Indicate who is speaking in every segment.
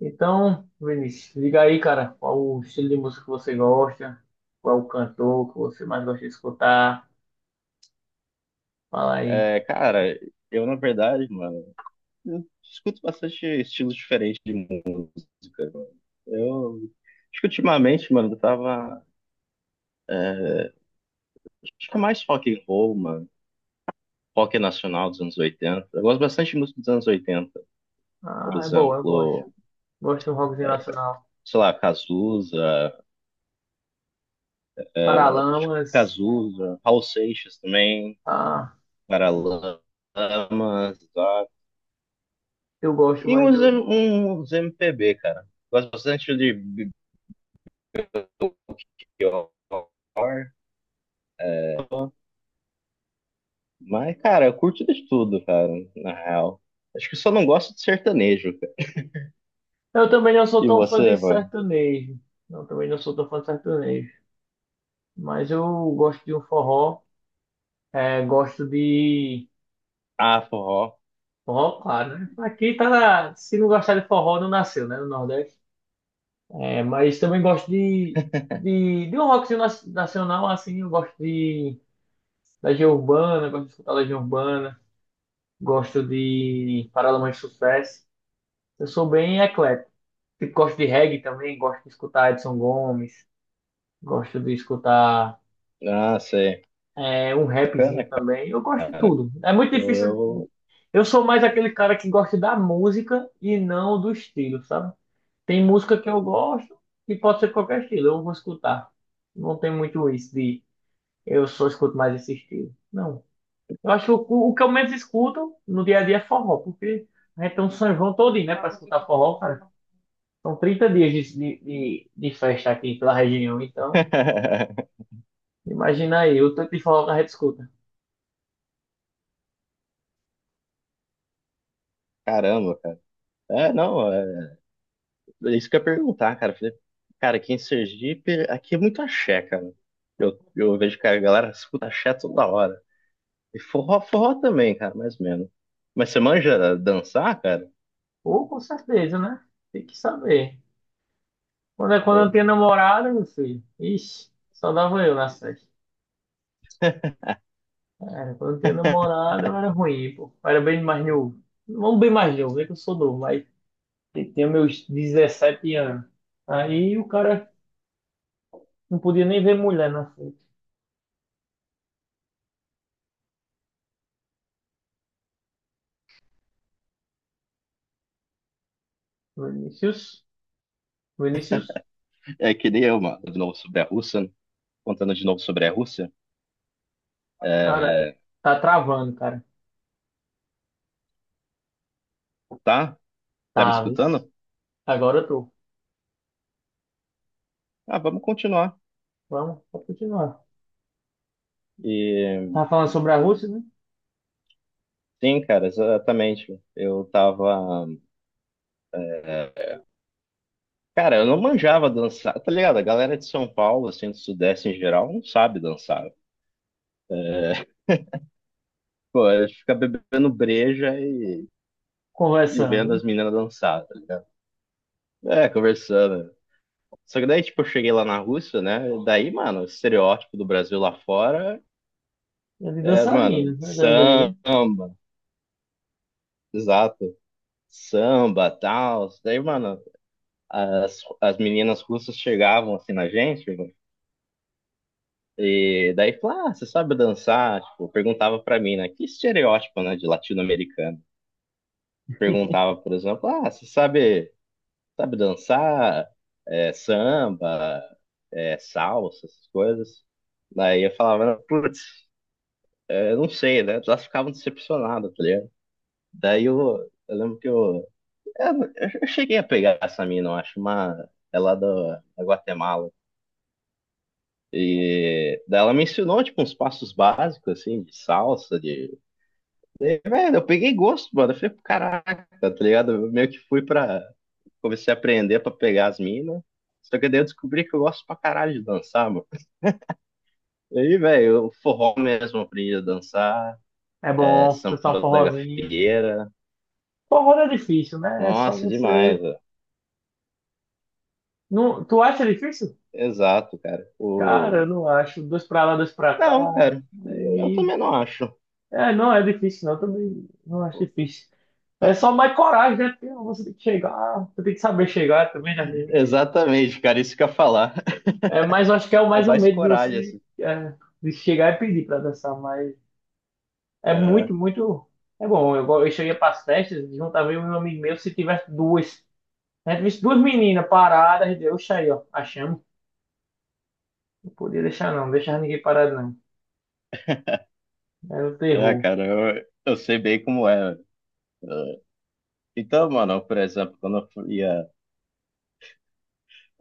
Speaker 1: Então, Vinícius, diga aí, cara, qual o estilo de música que você gosta, qual o cantor que você mais gosta de escutar, fala aí.
Speaker 2: É, cara, eu na verdade, mano, eu escuto bastante estilos diferentes de música, mano. Eu acho que ultimamente, mano, eu tava. Acho que é mais rock and roll, mano. Rock nacional dos anos 80. Eu gosto bastante de música dos anos 80, por
Speaker 1: Ah, é boa, eu gosto.
Speaker 2: exemplo,
Speaker 1: Gosto de um rockzinho nacional.
Speaker 2: sei lá, Cazuza,
Speaker 1: Paralamas,
Speaker 2: Cazuza, Raul Seixas também,
Speaker 1: ah,
Speaker 2: Paralamas, tá?
Speaker 1: eu gosto
Speaker 2: e
Speaker 1: mais
Speaker 2: uns,
Speaker 1: do.
Speaker 2: M- uns MPB, cara. Gosto bastante de Belchior. Mas, cara, eu curto de tudo, cara, na real. Acho que só não gosto de sertanejo, cara.
Speaker 1: Eu também não sou
Speaker 2: E
Speaker 1: tão fã de
Speaker 2: você, mano?
Speaker 1: sertanejo, eu também não sou tão fã de sertanejo, mas eu gosto de um forró, é, gosto de.
Speaker 2: Ah, forró.
Speaker 1: Forró, claro, né? Aqui tá na. Se não gostar de forró, não nasceu, né, no Nordeste. É, mas também gosto de, de um rockzinho nacional, assim, eu gosto de Legião Urbana, gosto de escutar Legião Urbana, gosto de Paralamas de Sucesso. Eu sou bem eclético. Tipo, gosto de reggae também, gosto de escutar Edson Gomes, gosto de escutar
Speaker 2: Ah, sei.
Speaker 1: um
Speaker 2: Bacana,
Speaker 1: rapzinho também. Eu gosto de
Speaker 2: cara.
Speaker 1: tudo. É muito
Speaker 2: Eu...
Speaker 1: difícil.
Speaker 2: eu-
Speaker 1: Eu sou mais aquele cara que gosta da música e não do estilo, sabe? Tem música que eu gosto e pode ser qualquer estilo, eu vou escutar. Não tem muito isso de eu só escuto mais esse estilo. Não. Eu acho que o que eu menos escuto no dia a dia é forró, porque a gente tem um São João todinho, né, pra escutar forró, cara. São 30 dias de festa aqui pela região, então imagina aí o tanto de forró que a gente escuta.
Speaker 2: Caramba, cara. É, não, é isso que eu ia perguntar, cara. Eu falei, cara, aqui em Sergipe, aqui é muito axé, cara. Eu vejo que a galera escuta axé toda hora. E forró, forró também, cara, mais ou menos. Mas você manja dançar, cara?
Speaker 1: Ou com certeza, né? Tem que saber. Quando eu não
Speaker 2: Ou-
Speaker 1: tinha namorada, meu filho, ixi, só dava eu na festa. Era quando eu não tinha namorada, eu era ruim, pô. Eu era bem mais novo. Não bem mais novo, é que eu sou novo, mas eu tinha meus 17 anos. Aí o cara não podia nem ver mulher na frente. Vinícius, Vinícius,
Speaker 2: É que nem eu, mano, de novo sobre a Rússia, né? Contando de novo sobre a Rússia.
Speaker 1: cara,
Speaker 2: É,
Speaker 1: tá travando, cara.
Speaker 2: tá? Tá me
Speaker 1: Tá, isso.
Speaker 2: escutando?
Speaker 1: Agora eu tô.
Speaker 2: Ah, vamos continuar.
Speaker 1: Vamos, pode continuar.
Speaker 2: E
Speaker 1: Tava falando sobre a Rússia, né?
Speaker 2: sim, cara, exatamente. Eu tava. É, cara, eu não manjava dançar, tá ligado? A galera de São Paulo, assim, do Sudeste em geral, não sabe dançar. Pô, a gente fica bebendo breja e
Speaker 1: Conversando,
Speaker 2: vendo
Speaker 1: né?
Speaker 2: as meninas dançar, tá ligado? É, conversando. Só que daí, tipo, eu cheguei lá na Rússia, né? Daí, mano, o estereótipo do Brasil lá fora
Speaker 1: É de
Speaker 2: é, mano,
Speaker 1: dançarino, né? Também, né?
Speaker 2: samba. Exato. Samba, tal. Daí, mano, as meninas russas chegavam assim na gente, mano, e daí falavam, ah, você sabe dançar? Tipo, perguntava pra mim, né? Que estereótipo, né, de latino-americano. Perguntava, por exemplo, ah, você sabe, dançar? É, samba, é, salsa, essas coisas. Daí eu falava, putz, é, não sei, né? Elas ficavam decepcionadas, tá ligado? Daí eu lembro que Eu, eu cheguei a pegar essa mina, eu acho, uma, é lá da Guatemala. E daí ela me ensinou, tipo, uns passos básicos, assim, de salsa. E, velho, eu peguei gosto, mano. Eu falei, caraca, tá ligado? Eu meio que fui. Comecei a aprender pra pegar as minas. Só que daí eu descobri que eu gosto pra caralho de dançar, mano. E aí, velho, eu forró mesmo aprendi a dançar.
Speaker 1: É
Speaker 2: é,
Speaker 1: bom dançar um
Speaker 2: samba da
Speaker 1: forrozinho.
Speaker 2: gafieira.
Speaker 1: Forró não é difícil, né? É só
Speaker 2: Nossa,
Speaker 1: você.
Speaker 2: demais, velho.
Speaker 1: Não, tu acha difícil?
Speaker 2: Exato, cara.
Speaker 1: Cara, eu não acho. Dois pra lá, dois pra
Speaker 2: Não,
Speaker 1: cá.
Speaker 2: cara. Eu
Speaker 1: Aí
Speaker 2: também não acho.
Speaker 1: é, não é difícil, não. Eu também não acho difícil. É só mais coragem, né? Porque ah, você tem que chegar, você tem que saber chegar também, né?
Speaker 2: Exatamente, cara, isso que eu ia falar.
Speaker 1: É, mas eu acho que é o
Speaker 2: É
Speaker 1: mais um
Speaker 2: mais
Speaker 1: medo de
Speaker 2: coragem,
Speaker 1: você
Speaker 2: assim.
Speaker 1: é, de chegar e pedir pra dançar. Mas é
Speaker 2: Aham.
Speaker 1: muito, muito. É bom. Eu cheguei pras festas, juntava eu e um amigo meu, se tivesse duas. A gente visse duas meninas paradas, a gente, oxa aí, ó, achamos. Não podia deixar, não, não deixava ninguém parado, não. Era um
Speaker 2: É,
Speaker 1: terror.
Speaker 2: cara, eu sei bem como é. Então, mano, por exemplo, quando eu fui, é,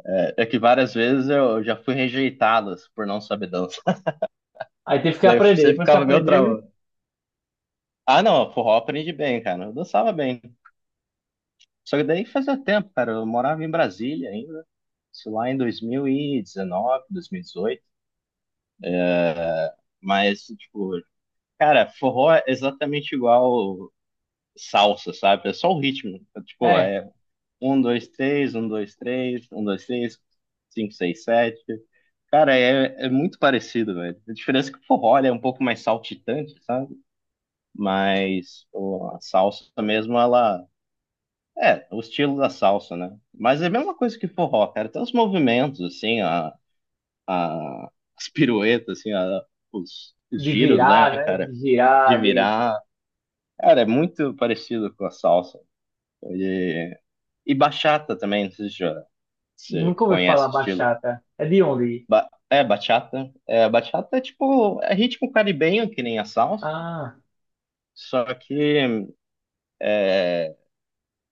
Speaker 2: é, é que várias vezes eu já fui rejeitado assim, por não saber dançar.
Speaker 1: Aí teve que
Speaker 2: Daí
Speaker 1: aprender.
Speaker 2: você
Speaker 1: Depois que
Speaker 2: ficava meio
Speaker 1: aprendeu, né?
Speaker 2: trauma. Ah, não, forró aprendi bem, cara. Eu dançava bem. Só que daí fazia tempo, cara. Eu morava em Brasília ainda. Isso lá em 2019, 2018. Mas, tipo, cara, forró é exatamente igual salsa, sabe? É só o ritmo. É, Tipo,
Speaker 1: é,
Speaker 2: é, Um, dois, três, um, dois, três, um, dois, três, cinco, seis, sete. Cara, é muito parecido, velho. A diferença é que o forró ele é um pouco mais saltitante, sabe? Mas pô, a salsa mesmo, ela. É, o estilo da salsa, né? Mas é a mesma coisa que forró, cara. Tem os movimentos, assim, a, as piruetas, assim, os
Speaker 1: de
Speaker 2: giros, né,
Speaker 1: virar, né?
Speaker 2: cara?
Speaker 1: De
Speaker 2: De
Speaker 1: girar, de.
Speaker 2: virar. Cara, é muito parecido com a salsa. E, e bachata também, não sei se se você
Speaker 1: Nunca ouvi falar
Speaker 2: conhece o estilo.
Speaker 1: bachata. É de onde?
Speaker 2: É, bachata. É, bachata é tipo, é ritmo caribenho, que nem a salsa,
Speaker 1: Ah,
Speaker 2: só que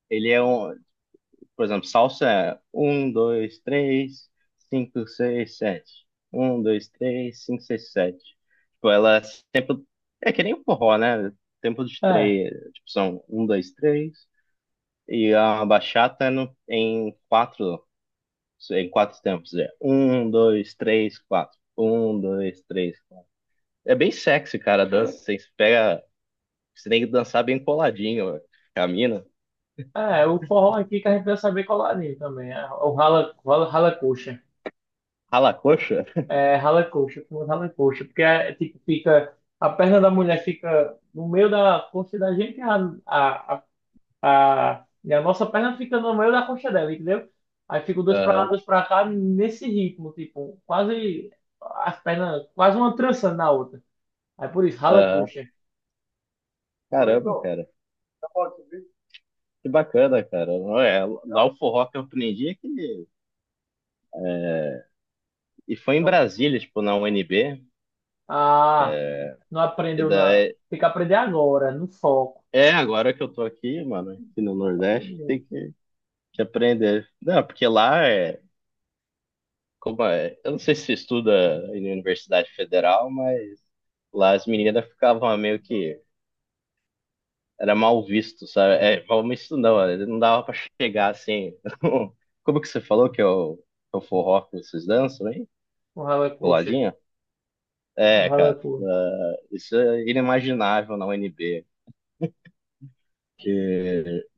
Speaker 2: ele é um, por exemplo, salsa é um, dois, três, cinco, seis, sete. Um, dois, três, cinco, seis, sete. Tipo, ela é tempo, é que nem o forró, né? Tempo de
Speaker 1: é.
Speaker 2: três, tipo, são um, dois, três, e a bachata é no, em quatro tempos, é um, dois, três, quatro. Um, dois, três, É bem sexy, cara, a dança. Você pega. Você tem que dançar bem coladinho, camina.
Speaker 1: É, o forró aqui que a gente vai saber colorinho também. É o rala, rala, rala coxa.
Speaker 2: Rala a coxa.
Speaker 1: É rala coxa, como rala coxa. Porque é tipo, fica. A perna da mulher fica no meio da coxa da gente e a, a nossa perna fica no meio da coxa dela, entendeu? Aí fica dois pra lá,
Speaker 2: Aham,
Speaker 1: dois pra cá, nesse ritmo, tipo, quase as pernas, quase uma trançando na outra. Aí por isso, rala
Speaker 2: aham.
Speaker 1: coxa.
Speaker 2: Caramba, então, cara. Que bacana, cara. Não é, lá o forró que eu aprendi é que. E foi em
Speaker 1: Então,
Speaker 2: Brasília, tipo, na UNB.
Speaker 1: ah, não
Speaker 2: E
Speaker 1: aprendeu não.
Speaker 2: daí.
Speaker 1: Tem que aprender agora, no foco.
Speaker 2: É, agora que eu tô aqui, mano, aqui no
Speaker 1: Tem que
Speaker 2: Nordeste,
Speaker 1: aprender.
Speaker 2: tem que aprender. Não, porque lá é. Como é? Eu não sei se estuda em universidade federal, mas lá as meninas ficavam meio que. Era mal visto, sabe? É, mal visto não, ele não dava pra chegar assim. Como que você falou que é o forró que vocês dançam, hein?
Speaker 1: O ralo é coxa.
Speaker 2: Coladinho?
Speaker 1: O
Speaker 2: É,
Speaker 1: ralo é
Speaker 2: cara,
Speaker 1: coxa.
Speaker 2: isso é inimaginável na UNB.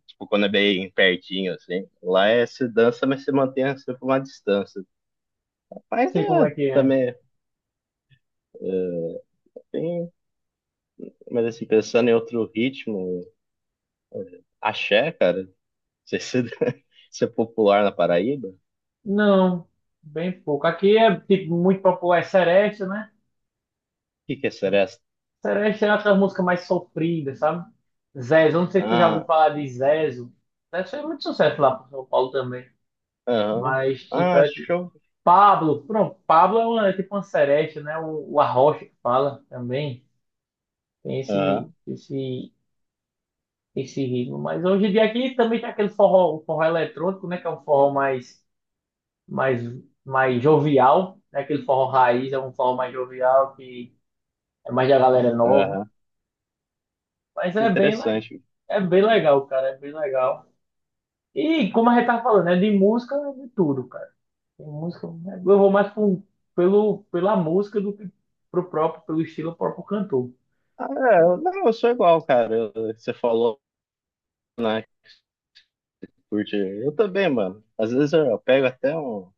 Speaker 2: Tipo, quando é bem pertinho, assim. Lá é se dança, mas se mantém sempre uma distância. Mas
Speaker 1: Sei como é
Speaker 2: é,
Speaker 1: que é.
Speaker 2: também tem. Mas assim, pensando em outro ritmo, axé, cara, não sei se se é popular na Paraíba. O
Speaker 1: Não, bem pouco. Aqui é tipo muito popular é Seresta, né?
Speaker 2: que que é seresta?
Speaker 1: Seresta é aquela música mais sofrida, sabe? Zezo, eu não sei se tu já ouviu
Speaker 2: Ah,
Speaker 1: falar de Zezo. Zezo fez muito sucesso lá pro São Paulo também.
Speaker 2: aham.
Speaker 1: Mas tipo,
Speaker 2: Ah,
Speaker 1: é, tipo
Speaker 2: show.
Speaker 1: Pablo, pronto, Pablo é tipo uma Seresta, né? O Arrocha que fala também. Tem esse,
Speaker 2: Aham.
Speaker 1: esse esse ritmo. Mas hoje em dia aqui também tem aquele forró, o forró eletrônico, né? Que é um forró mais, mais jovial, né? Aquele forró raiz, é um forró mais jovial, que é mais da galera nova.
Speaker 2: Aham.
Speaker 1: Mas é bem, le-
Speaker 2: Interessante.
Speaker 1: é bem legal, cara, é bem legal. E como a gente tá falando, é de música de tudo, cara. Tem música, eu vou mais pela música do que pro próprio, pelo estilo próprio cantor.
Speaker 2: Ah, é, não, eu sou igual, cara. Você falou, né, que curte. Eu também, mano. Às vezes eu pego até um,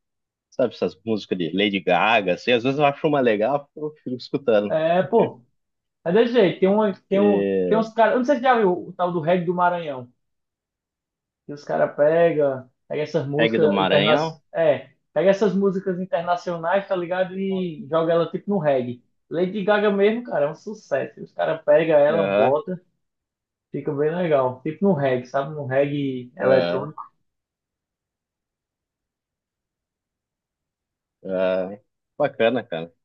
Speaker 2: sabe, essas músicas de Lady Gaga, assim, às vezes eu acho uma legal, eu fico escutando.
Speaker 1: É, pô, é desse jeito. Tem, uma, tem, um, tem
Speaker 2: E
Speaker 1: uns caras, eu não sei se já viu o tal do reggae do Maranhão. E os caras
Speaker 2: reggae do Maranhão.
Speaker 1: pega essas músicas internacionais, tá ligado? E joga ela tipo no reggae. Lady Gaga mesmo, cara, é um sucesso. Os caras pega ela,
Speaker 2: Aham,
Speaker 1: bota, fica bem legal. Tipo no reggae, sabe? No reggae
Speaker 2: aham,
Speaker 1: eletrônico.
Speaker 2: aham. Bacana, cara.